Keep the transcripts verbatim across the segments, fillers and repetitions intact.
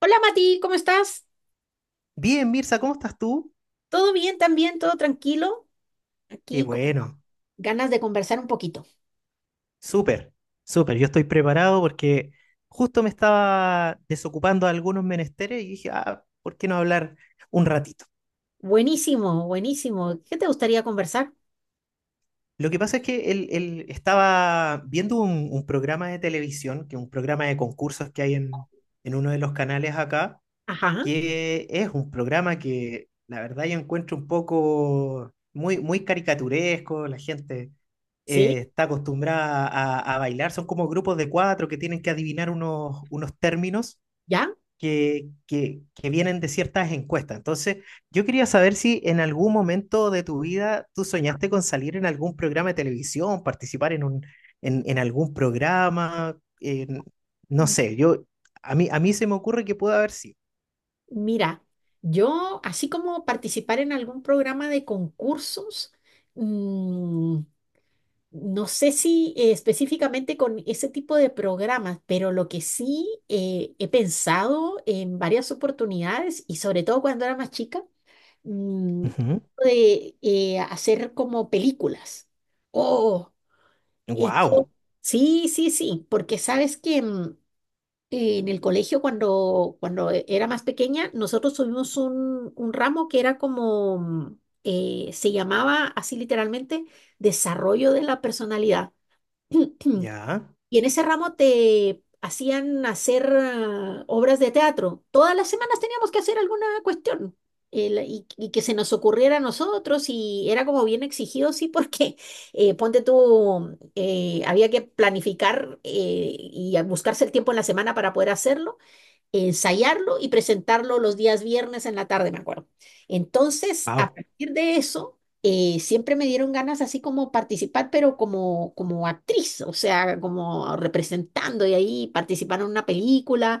Hola Mati, ¿cómo estás? Bien, Mirza, ¿cómo estás tú? ¿Todo bien también? ¿Todo tranquilo? Qué Aquí con bueno, ganas de conversar un poquito. súper, súper. Yo estoy preparado porque justo me estaba desocupando de algunos menesteres y dije, ah, ¿por qué no hablar un ratito? Buenísimo, buenísimo. ¿Qué te gustaría conversar? Lo que pasa es que él, él estaba viendo un, un programa de televisión, que es un programa de concursos que hay en, en uno de los canales acá, Ajá, que es un programa que la verdad yo encuentro un poco muy, muy caricaturesco, la gente sí, eh, está acostumbrada a, a bailar, son como grupos de cuatro que tienen que adivinar unos, unos términos ya. que, que, que vienen de ciertas encuestas. Entonces, yo quería saber si en algún momento de tu vida tú soñaste con salir en algún programa de televisión, participar en un, en, en algún programa, en- no M- sé, yo, a mí, a mí se me ocurre que puede haber sido. Mira, yo así como participar en algún programa de concursos, mm, no sé si eh, específicamente con ese tipo de programas, pero lo que sí eh, he pensado en varias oportunidades y sobre todo cuando era más chica. mm, de eh, hacer como películas. Oh, esto- Wow, sí, sí, sí, porque sabes que mm, en el colegio cuando, cuando e- era más pequeña, nosotros tuvimos un, un ramo que era como, mm, eh, se llamaba así literalmente, desarrollo de la personalidad. ya, Y en ese ramo te hacían hacer ah, obras de teatro. Todas las semanas teníamos que hacer alguna cuestión eh, la- y, y que se nos ocurriera a nosotros y era como bien exigido, sí, porque eh, ponte tú, eh, había que planificar eh, y a- buscarse el tiempo en la semana para poder hacerlo, ensayarlo y presentarlo los días viernes en la tarde, me acuerdo. Entonces, a wow, partir de eso, eh, siempre me dieron ganas así como participar, pero como, como actriz, o sea, como representando y ahí participar en una película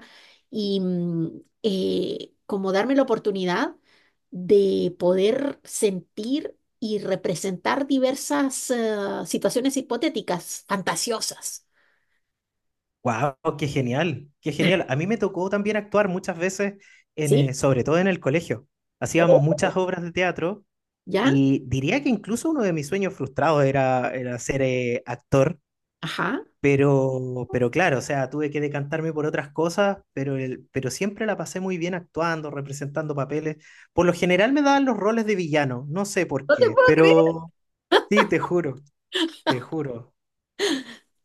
y mm, eh, como darme la oportunidad de poder sentir y representar diversas eh, situaciones hipotéticas, fantasiosas. wow, qué genial, qué genial. A mí me tocó también actuar muchas veces, en, ¿Sí? eh, sobre todo en el colegio. Oh, Hacíamos muchas obras de teatro ¿ya? y diría que incluso uno de mis sueños frustrados era, era ser eh, actor, Ajá. pero, pero claro, o sea, tuve que decantarme por otras cosas, pero, el- pero siempre la pasé muy bien actuando, representando papeles. Por lo general me daban los roles de villano, no sé por No te qué, puedo creer. pero sí, te juro, te juro.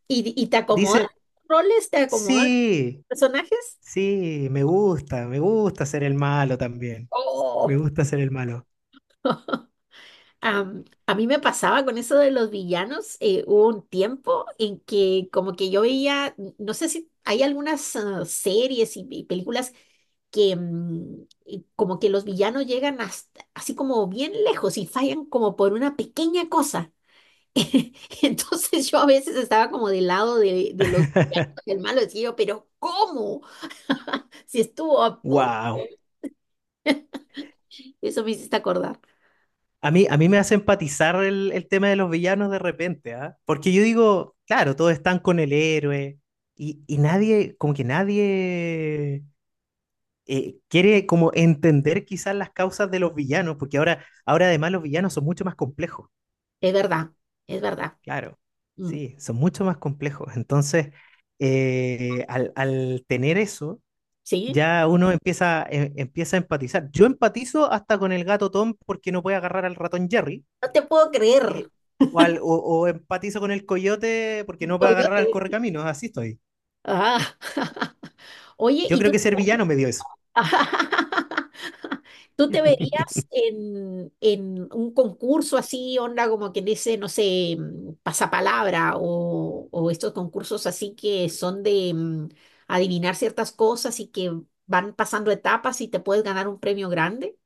¿Y, y te acomodan Dice, los roles? ¿Te acomodan los sí. personajes? Sí, me gusta, me gusta ser el malo también. Me Oh. gusta ser el malo. Am, a mí me pasaba con eso de los villanos. Eh, hubo un tiempo en que como que yo veía, n- no sé si hay algunas ah, series y, y películas que mm, y como que los villanos llegan hasta, así como bien lejos y fallan como por una pequeña cosa. Entonces yo a veces estaba como del lado de, de los, del malo, decía yo, pero ¿cómo? Si estuvo a punto. Wow. Eso me hiciste acordar. A mí, a mí me hace empatizar el, el tema de los villanos de repente, ¿ah? Porque yo digo, claro, todos están con el héroe y, y nadie, como que nadie eh, quiere como entender quizás las causas de los villanos, porque ahora, ahora además los villanos son mucho más complejos, Es verdad, es verdad. claro, Mm, sí, son mucho más complejos. Entonces, eh, al, al tener eso sí, ya uno empieza, em- empieza a empatizar. Yo empatizo hasta con el gato Tom porque no puede agarrar al ratón Jerry. no te puedo creer. eh, o, al- o- o empatizo con el coyote porque no puede agarrar Toyota. al correcaminos. Así estoy. Ah, oye, Yo ¿y creo tú, que ser villano me dio eso. tú te verías en, en un concurso así, onda como que dice, no sé, mm, pasapalabra o, o estos concursos así que son de mm, adivinar ciertas cosas y que van pasando etapas y te puedes ganar un premio grande?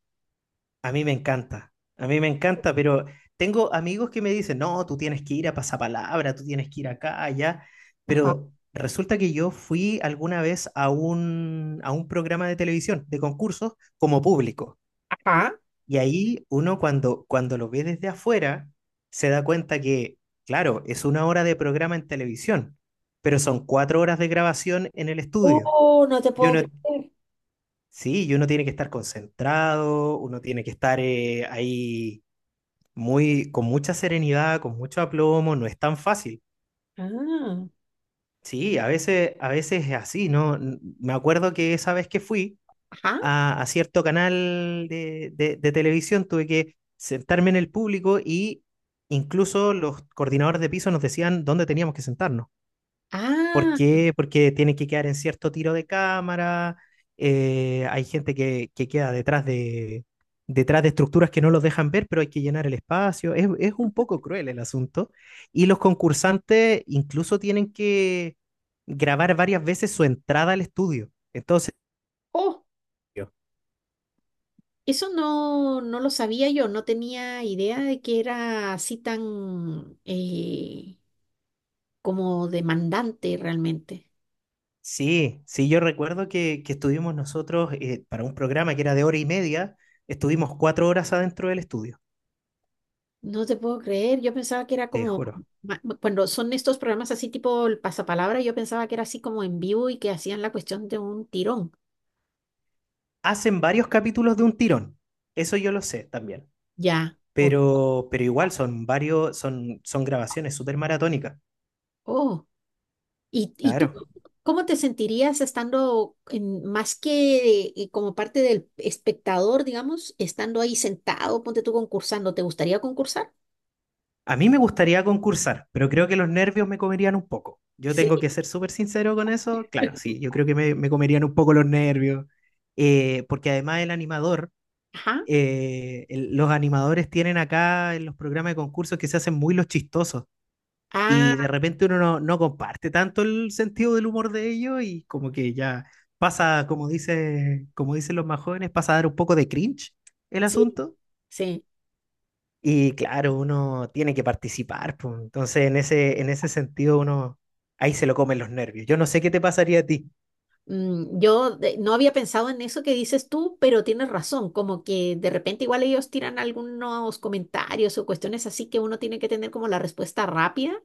A mí me encanta. A mí me encanta, pero tengo amigos que me dicen, no, tú tienes que ir a Pasapalabra, tú tienes que ir acá, allá. Ajá. Pero resulta que yo fui alguna vez a un, a un programa de televisión, de concursos, como público. Ajá, Y ahí uno cuando, cuando lo ve desde afuera, se da cuenta que, claro, es una hora de programa en televisión, pero son cuatro horas de grabación en el estudio. oh, no te Y puedo uno, creer. sí, y uno tiene que estar concentrado, uno tiene que estar eh, ahí muy, con mucha serenidad, con mucho aplomo, no es tan fácil. Ah, Sí, a veces, a veces es así, ¿no? N- Me acuerdo que esa vez que fui, ajá. a, a cierto canal de, de, de televisión, tuve que sentarme en el público y incluso los coordinadores de piso nos decían dónde teníamos que sentarnos. ¿Por Ah, qué? Porque tienen que quedar en cierto tiro de cámara, eh, hay gente que, que queda detrás de, detrás de estructuras que no los dejan ver, pero hay que llenar el espacio. Es, es un poco cruel el asunto. Y los concursantes incluso tienen que grabar varias veces su entrada al estudio. Entonces, oh. Eso no, no lo sabía yo, no tenía idea de que era así tan eh, como demandante realmente. sí, sí, yo recuerdo que, que estuvimos nosotros eh, para un programa que era de hora y media, estuvimos cuatro horas adentro del estudio, No te puedo creer, yo pensaba que era te como, juro. ma- cuando son estos programas así tipo el pasapalabra, yo pensaba que era así como en vivo y que hacían la cuestión de un tirón. Hacen varios capítulos de un tirón, eso yo lo sé también, Ya, o- pero, pero igual son varios, son, son grabaciones súper maratónicas, oh. ¿Y, y tú claro. cómo te sentirías estando en- más que eh, como parte del espectador, digamos, estando ahí sentado, ponte tú concursando, ¿te gustaría concursar? A mí me gustaría concursar, pero creo que los nervios me comerían un poco. Yo tengo que ser súper sincero con eso, claro, sí, yo creo que me, me comerían un poco los nervios, eh, porque además el animador Ajá. eh, el- los animadores tienen acá en los programas de concursos que se hacen muy los chistosos y Ah, de repente uno no, no comparte tanto el sentido del humor de ellos y como que ya pasa, como dice, como dicen los más jóvenes, pasa a dar un poco de cringe el sí, asunto sí. y claro, uno tiene que participar, pues, entonces en ese, en ese sentido uno ahí se lo comen los nervios. Yo no sé qué te pasaría a ti, Mm, yo de- no había pensado en eso que dices tú, pero tienes razón, como que de repente igual ellos tiran algunos comentarios o cuestiones así que uno tiene que tener como la respuesta rápida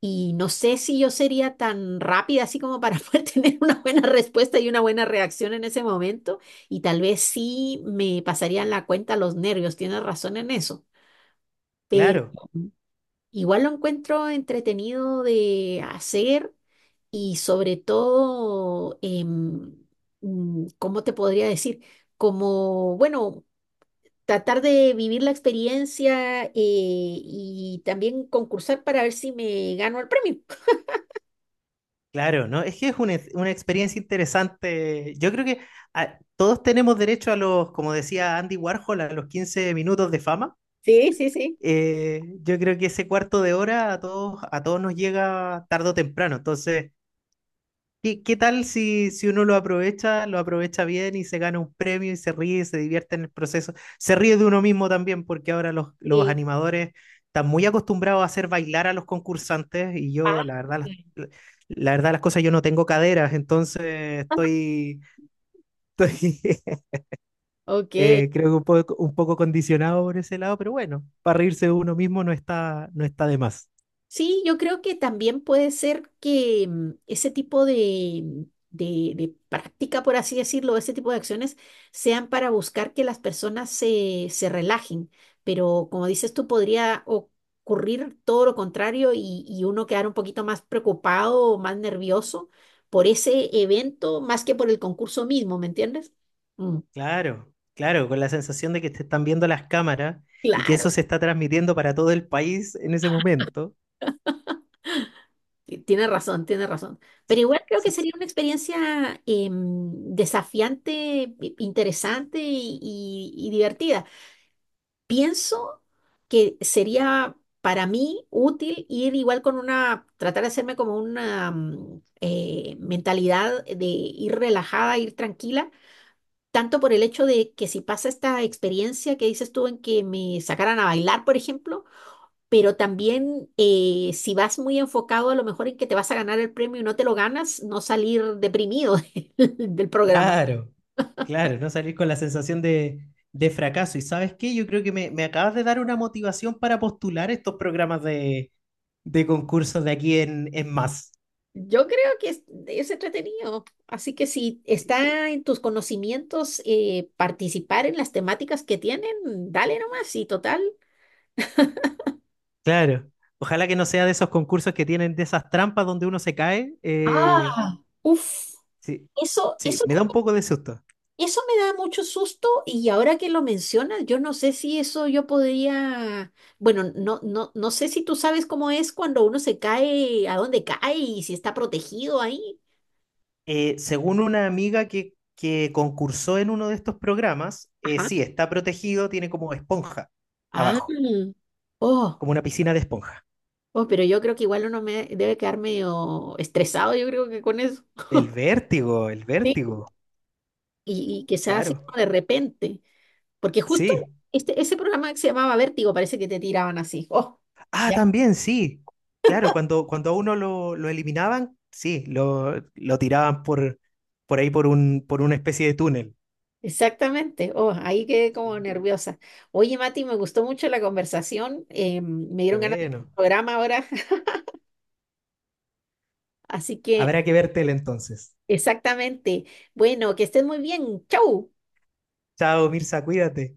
y no sé si yo sería tan rápida así como para poder tener una buena respuesta y una buena reacción en ese momento y tal vez sí me pasarían la cuenta los nervios, tienes razón en eso, pero claro. igual lo encuentro entretenido de hacer. Y sobre todo, em, mm, ¿cómo te podría decir? Como, bueno, tratar de vivir la experiencia eh, y también concursar para ver si me gano el premio. Claro, ¿no? Es que es una, ex- una experiencia interesante. Yo creo que ah, todos tenemos derecho a los, como decía Andy Warhol, a los quince minutos de fama. Sí, sí, sí. Eh, yo creo que ese cuarto de hora a todos, a todos nos llega tarde o temprano. Entonces, ¿qué, qué tal si, si uno lo aprovecha, lo aprovecha bien y se gana un premio y se ríe y se divierte en el proceso? Se ríe de uno mismo también porque ahora los, los Eh, animadores están muy acostumbrados a hacer bailar a los concursantes y ah, yo, la verdad, las- la, la verdad las cosas, yo no tengo caderas, entonces estoy, estoy ok. eh, creo que un poco, un poco condicionado por ese lado, pero bueno, para reírse de uno mismo no está, no está de más. Sí, yo creo que también puede ser que mm, ese tipo de, mm, de- de práctica, por así decirlo, ese tipo de acciones sean para buscar que las personas se, se relajen, pero como dices tú, podría ocurrir todo lo contrario y, y uno quedar un poquito más preocupado o más nervioso por ese evento más que por el concurso mismo, ¿me entiendes? Mm, Claro, claro, con la sensación de que te están viendo las cámaras y que eso claro. se está transmitiendo para todo el país en ese momento. Sí, tiene razón, tiene razón. S- Pero igual creo s- que sería una experiencia em, desafiante, i- interesante y, y- y divertida. Pienso que sería para mí útil ir igual con una, tratar de hacerme como una mm, eh, mentalidad de ir relajada, ir tranquila, tanto por el hecho de que si pasa esta experiencia que dices tú en que me sacaran a bailar, por ejemplo, pero también eh, si vas muy enfocado a lo mejor en que te vas a ganar el premio y no te lo ganas, no salir deprimido del del programa. Claro, claro, no salir con la sensación de, de fracaso. ¿Y sabes qué? Yo creo que me, me acabas de dar una motivación para postular estos programas de, de concursos de aquí en, en Más. Yo creo que es, es entretenido, así que si Sí, está en tus conocimientos eh, participar en las temáticas que tienen, dale nomás y total. claro, ojalá que no sea de esos concursos que tienen de esas trampas donde uno se cae. Eh, Uf, sí, eso, sí, eso. me da un poco de susto. Eso me da mucho susto y ahora que lo mencionas, yo no sé si eso yo podría, bueno, no, no, no sé si tú sabes cómo es cuando uno se cae, a dónde cae y si está protegido ahí. Eh, según una amiga que, que concursó en uno de estos programas, eh, Ajá. sí, está protegido, tiene como esponja Ah, abajo, oh, como una piscina de esponja. oh, pero yo creo que igual uno me debe quedar medio estresado, yo creo que con eso. El vértigo, el Sí. vértigo, Y, y que sea así claro, como de repente, porque justo sí. este, ese programa que se llamaba Vértigo parece que te tiraban así. Oh. Ah, también, sí, claro, cuando, cuando a uno lo, lo eliminaban, sí, lo, lo tiraban por, por ahí por un, por una especie de túnel. Exactamente. Oh, ahí quedé como Sí, nerviosa. Oye, Mati, me gustó mucho la conversación. Eh, me qué dieron ganas de ver un bueno. programa ahora. Así que, Habrá que ver tele entonces. exactamente. Bueno, que estés muy bien. Chau. Chao, Mirza, cuídate.